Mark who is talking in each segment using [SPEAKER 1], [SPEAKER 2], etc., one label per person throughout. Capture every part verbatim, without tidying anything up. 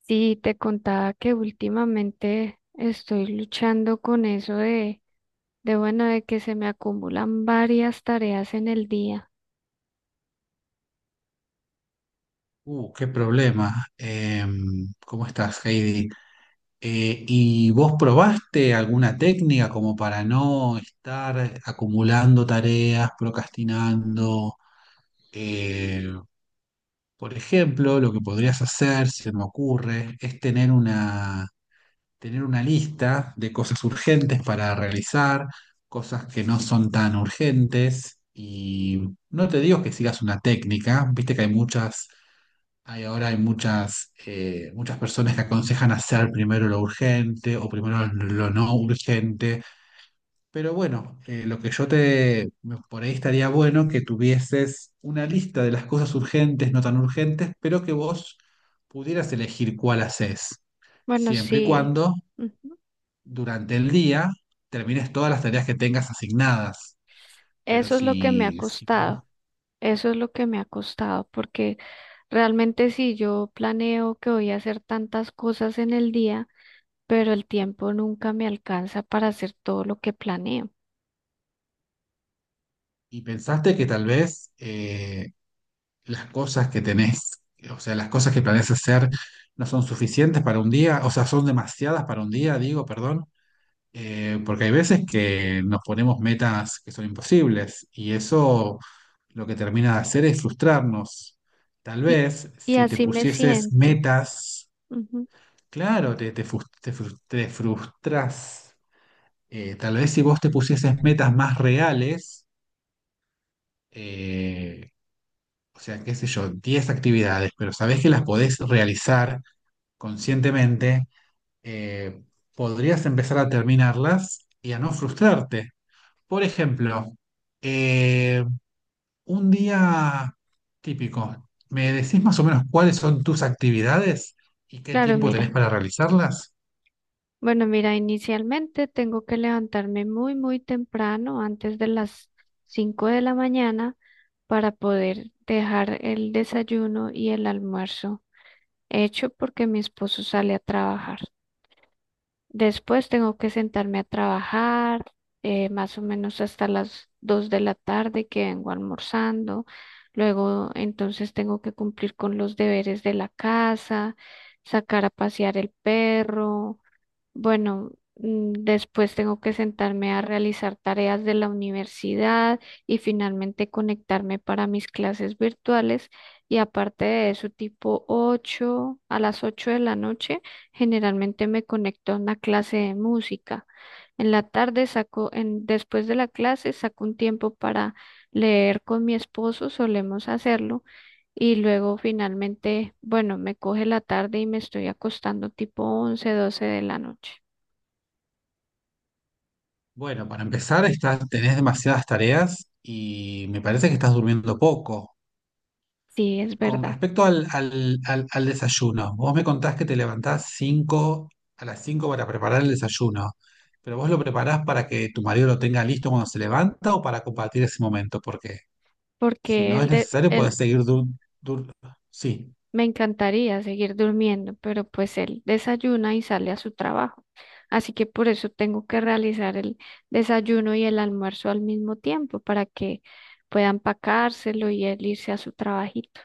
[SPEAKER 1] Sí, te contaba que últimamente estoy luchando con eso de, de bueno, de que se me acumulan varias tareas en el día.
[SPEAKER 2] Uh, qué problema. Em, ¿cómo estás, Heidi? Eh, ¿y vos probaste alguna técnica como para no estar acumulando tareas, procrastinando? Eh, por ejemplo, lo que podrías hacer, si me ocurre, es tener una, tener una lista de cosas urgentes para realizar, cosas que no son tan urgentes. Y no te digo que sigas una técnica, viste que hay muchas hay ahora hay muchas, eh, muchas personas que aconsejan hacer primero lo urgente o primero lo no urgente, pero bueno, eh, lo que yo te, por ahí estaría bueno que tuvieses una lista de las cosas urgentes, no tan urgentes, pero que vos pudieras elegir cuál haces,
[SPEAKER 1] Bueno,
[SPEAKER 2] siempre y
[SPEAKER 1] sí,
[SPEAKER 2] cuando
[SPEAKER 1] ujú,
[SPEAKER 2] durante el día termines todas las tareas que tengas asignadas. Pero
[SPEAKER 1] eso es lo que me ha
[SPEAKER 2] si, si vos,
[SPEAKER 1] costado, eso es lo que me ha costado, porque realmente si yo planeo que voy a hacer tantas cosas en el día, pero el tiempo nunca me alcanza para hacer todo lo que planeo.
[SPEAKER 2] ¿Y pensaste que tal vez eh, las cosas que tenés, o sea, las cosas que planeas hacer no son suficientes para un día? O sea, son demasiadas para un día, digo, perdón, eh, porque hay veces que nos ponemos metas que son imposibles y eso lo que termina de hacer es frustrarnos. Tal
[SPEAKER 1] Y,
[SPEAKER 2] vez
[SPEAKER 1] y
[SPEAKER 2] si te
[SPEAKER 1] así me
[SPEAKER 2] pusieses
[SPEAKER 1] siento.
[SPEAKER 2] metas,
[SPEAKER 1] Ujú.
[SPEAKER 2] claro, te, te, frus- te frus- te frustras. Eh, tal vez si vos te pusieses metas más reales, eh, o sea, qué sé yo, diez actividades, pero sabés que las podés realizar conscientemente. eh, Podrías empezar a terminarlas y a no frustrarte. Por ejemplo, eh, un día típico, ¿me decís más o menos cuáles son tus actividades y qué
[SPEAKER 1] Claro,
[SPEAKER 2] tiempo tenés
[SPEAKER 1] mira.
[SPEAKER 2] para realizarlas?
[SPEAKER 1] Bueno, mira, inicialmente tengo que levantarme muy, muy temprano, antes de las cinco de la mañana, para poder dejar el desayuno y el almuerzo hecho porque mi esposo sale a trabajar. Después tengo que sentarme a trabajar, eh, más o menos hasta las dos de la tarde que vengo almorzando. Luego, entonces, tengo que cumplir con los deberes de la casa, sacar a pasear el perro bueno, mm, después tengo que sentarme a realizar tareas de la universidad y finalmente conectarme para mis clases virtuales. Y aparte de eso, tipo ocho, a las ocho de la noche, generalmente me conecto a una clase de música. En la tarde saco, en, después de la clase, saco un tiempo para leer con mi esposo, solemos hacerlo. Y luego finalmente, bueno, me coge la tarde y me estoy acostando tipo once, doce de la noche.
[SPEAKER 2] Bueno, para empezar, estás, tenés demasiadas tareas y me parece que estás durmiendo poco.
[SPEAKER 1] Sí, es
[SPEAKER 2] Con
[SPEAKER 1] verdad,
[SPEAKER 2] respecto al, al- al- al desayuno, vos me contás que te levantás cinco a las cinco para preparar el desayuno, pero vos lo preparás para que tu marido lo tenga listo cuando se levanta o para compartir ese momento, porque si
[SPEAKER 1] porque
[SPEAKER 2] no
[SPEAKER 1] él,
[SPEAKER 2] es
[SPEAKER 1] de-
[SPEAKER 2] necesario
[SPEAKER 1] él
[SPEAKER 2] podés seguir dur, dur- sí.
[SPEAKER 1] me encantaría seguir durmiendo, pero pues él desayuna y sale a su trabajo. Así que por eso tengo que realizar el desayuno y el almuerzo al mismo tiempo para que pueda empacárselo y él irse a su trabajito.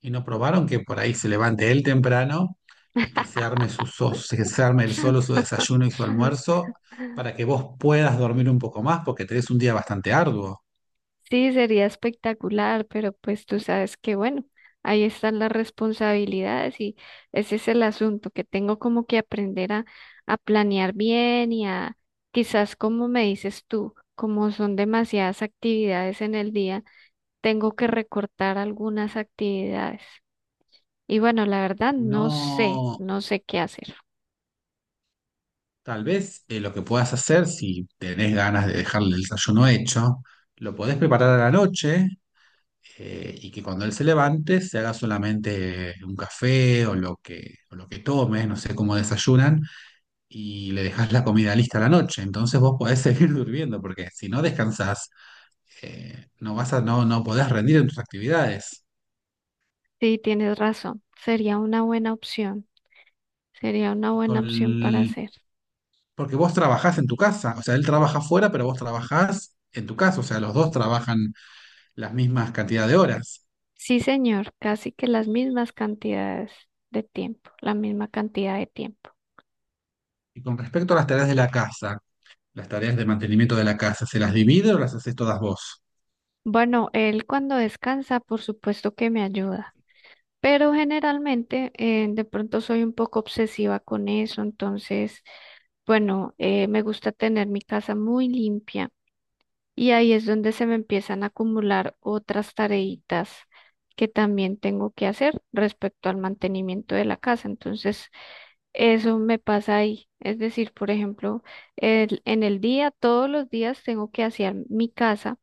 [SPEAKER 2] ¿Y no probaron que por ahí se levante él temprano y que se arme su so- que se arme él solo su desayuno y su almuerzo para que vos puedas dormir un poco más porque tenés un día bastante arduo?
[SPEAKER 1] Sí, sería espectacular, pero pues tú sabes que bueno, ahí están las responsabilidades y ese es el asunto, que tengo como que aprender a, a planear bien y a quizás como me dices tú, como son demasiadas actividades en el día, tengo que recortar algunas actividades. Y bueno, la verdad no sé,
[SPEAKER 2] No.
[SPEAKER 1] no sé qué hacer.
[SPEAKER 2] Tal vez eh, lo que puedas hacer, si tenés ganas de dejarle el desayuno hecho, lo podés preparar a la noche, eh, y que cuando él se levante se haga solamente un café o lo que, o lo que tome, no sé cómo desayunan, y le dejás la comida lista a la noche. Entonces vos podés seguir durmiendo, porque si no descansás, eh, no vas a, no, no podés rendir en tus actividades.
[SPEAKER 1] Sí, tienes razón, sería una buena opción, sería una buena
[SPEAKER 2] Con
[SPEAKER 1] opción para hacer.
[SPEAKER 2] Porque vos trabajás en tu casa, o sea, él trabaja afuera, pero vos trabajás en tu casa, o sea, los dos trabajan las mismas cantidad de horas.
[SPEAKER 1] Sí, señor, casi que las mismas cantidades de tiempo, la misma cantidad de tiempo.
[SPEAKER 2] Y con respecto a las tareas de la casa, las tareas de mantenimiento de la casa, ¿se las divide o las haces todas vos?
[SPEAKER 1] Bueno, él cuando descansa, por supuesto que me ayuda, pero generalmente eh, de pronto soy un poco obsesiva con eso, entonces, bueno, eh, me gusta tener mi casa muy limpia y ahí es donde se me empiezan a acumular otras tareitas que también tengo que hacer respecto al mantenimiento de la casa. Entonces, Eso me pasa ahí. Es decir, por ejemplo, el- en el día, todos los días tengo que hacer mi casa,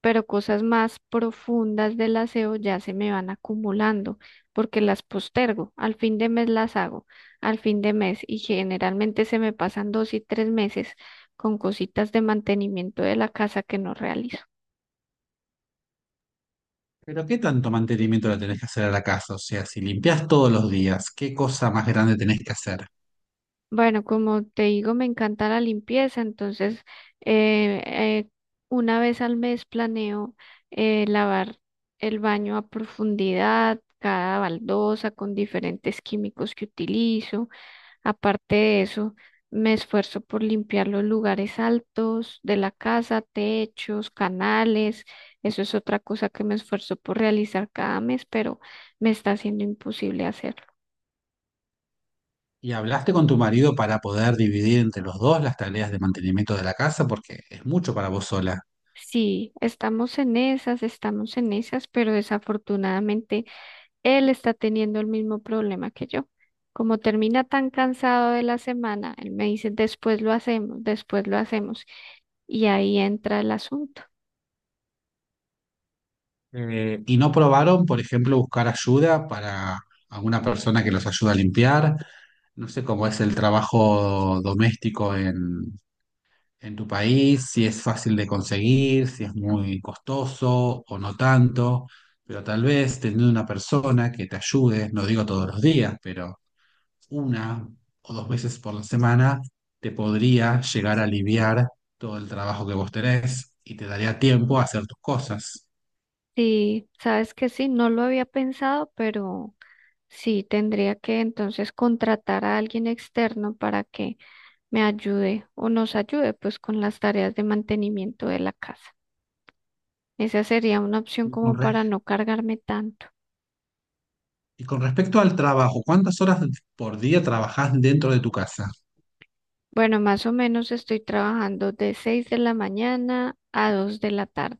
[SPEAKER 1] pero cosas más profundas del aseo ya se me van acumulando porque las postergo. Al fin de mes las hago, al fin de mes y generalmente se me pasan dos y tres meses con cositas de mantenimiento de la casa que no realizo.
[SPEAKER 2] Pero ¿qué tanto mantenimiento le tenés que hacer a la casa? O sea, si limpias todos los días, ¿qué cosa más grande tenés que hacer?
[SPEAKER 1] Bueno, como te digo, me encanta la limpieza, entonces eh, eh, una vez al mes planeo eh, lavar el baño a profundidad, cada baldosa con diferentes químicos que utilizo. Aparte de eso, me esfuerzo por limpiar los lugares altos de la casa, techos, canales. Eso es otra cosa que me esfuerzo por realizar cada mes, pero me está siendo imposible hacerlo.
[SPEAKER 2] ¿Y hablaste con tu marido para poder dividir entre los dos las tareas de mantenimiento de la casa? Porque es mucho para vos sola.
[SPEAKER 1] Sí, estamos en esas, estamos en esas, pero desafortunadamente él está teniendo el mismo problema que yo. Como termina tan cansado de la semana, él me dice, después lo hacemos, después lo hacemos. Y ahí entra el asunto.
[SPEAKER 2] Eh, ¿y no probaron, por ejemplo, buscar ayuda, para alguna persona que los ayude a limpiar? No sé cómo es el trabajo doméstico en en tu país, si es fácil de conseguir, si es muy costoso o no tanto, pero tal vez teniendo una persona que te ayude, no digo todos los días, pero una o dos veces por la semana, te podría llegar a aliviar todo el trabajo que vos tenés y te daría tiempo a hacer tus cosas.
[SPEAKER 1] Sí, sabes que sí, no lo había pensado, pero sí tendría que entonces contratar a alguien externo para que me ayude o nos ayude pues con las tareas de mantenimiento de la casa. Esa sería una opción
[SPEAKER 2] Y con,
[SPEAKER 1] como
[SPEAKER 2] re-
[SPEAKER 1] para no cargarme tanto.
[SPEAKER 2] y con respecto al trabajo, ¿cuántas horas por día trabajás dentro de tu casa?
[SPEAKER 1] Bueno, más o menos estoy trabajando de seis de la mañana a dos de la tarde.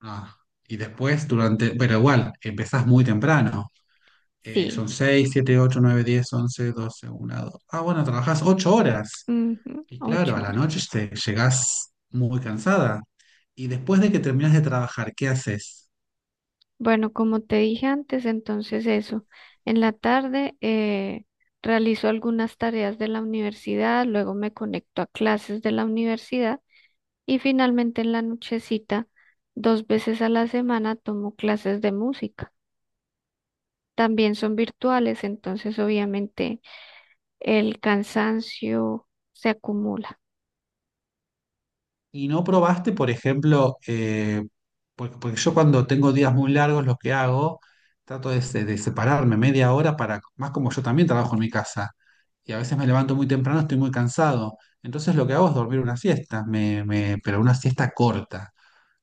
[SPEAKER 2] Ah, y después durante, pero igual, empezás muy temprano. Eh,
[SPEAKER 1] Sí,
[SPEAKER 2] son seis, siete, ocho, nueve, diez, once, doce, una, dos. Ah, bueno, trabajás ocho horas.
[SPEAKER 1] ujú,
[SPEAKER 2] Y claro,
[SPEAKER 1] ocho
[SPEAKER 2] a la
[SPEAKER 1] horas.
[SPEAKER 2] noche te llegás muy cansada. Y después de que terminas de trabajar, ¿qué haces?
[SPEAKER 1] Bueno, como te dije antes, entonces eso. En la tarde eh, realizo algunas tareas de la universidad, luego me conecto a clases de la universidad y finalmente en la nochecita, dos veces a la semana, tomo clases de música. También son virtuales, entonces obviamente el cansancio se acumula.
[SPEAKER 2] Y no probaste, por ejemplo, eh, porque, porque yo cuando tengo días muy largos, lo que hago, trato de, se- de separarme media hora para, más como yo también trabajo en mi casa. Y a veces me levanto muy temprano, estoy muy cansado. Entonces lo que hago es dormir una siesta, me, me- pero una siesta corta.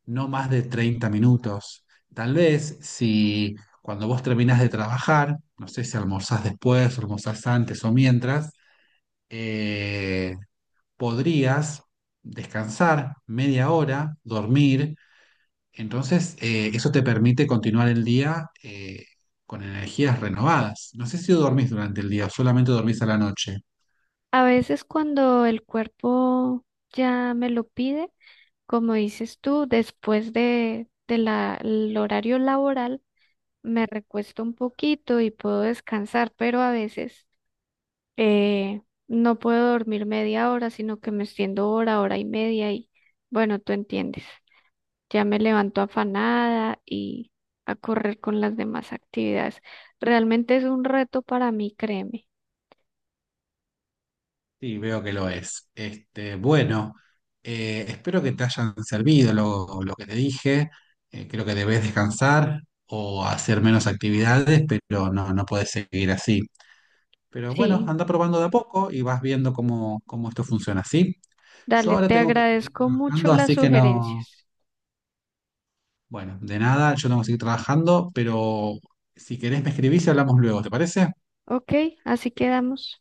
[SPEAKER 2] No más de treinta minutos. Tal vez si cuando vos terminás de trabajar, no sé si almorzás después, almorzás antes o mientras, eh, podrías descansar media hora, dormir. Entonces, eh, eso te permite continuar el día eh, con energías renovadas. No sé si dormís durante el día o solamente dormís a la noche.
[SPEAKER 1] A veces cuando el cuerpo ya me lo pide, como dices tú, después de, de la, el horario laboral, me recuesto un poquito y puedo descansar, pero a veces eh, no puedo dormir media hora, sino que me extiendo hora, hora y media y bueno, tú entiendes. Ya me levanto afanada y a correr con las demás actividades. Realmente es un reto para mí, créeme.
[SPEAKER 2] Sí, veo que lo es. Este, bueno, eh, espero que te hayan servido lo, lo que te dije. Eh, creo que debes descansar o hacer menos actividades, pero no, no puedes seguir así. Pero bueno,
[SPEAKER 1] Sí,
[SPEAKER 2] anda probando de a poco y vas viendo cómo, cómo esto funciona, ¿sí? Yo
[SPEAKER 1] dale,
[SPEAKER 2] ahora
[SPEAKER 1] te
[SPEAKER 2] tengo que seguir
[SPEAKER 1] agradezco mucho
[SPEAKER 2] trabajando,
[SPEAKER 1] las
[SPEAKER 2] así que no.
[SPEAKER 1] sugerencias.
[SPEAKER 2] Bueno, de nada, yo tengo que seguir trabajando, pero si querés me escribís y hablamos luego, ¿te parece?
[SPEAKER 1] Ok, así quedamos.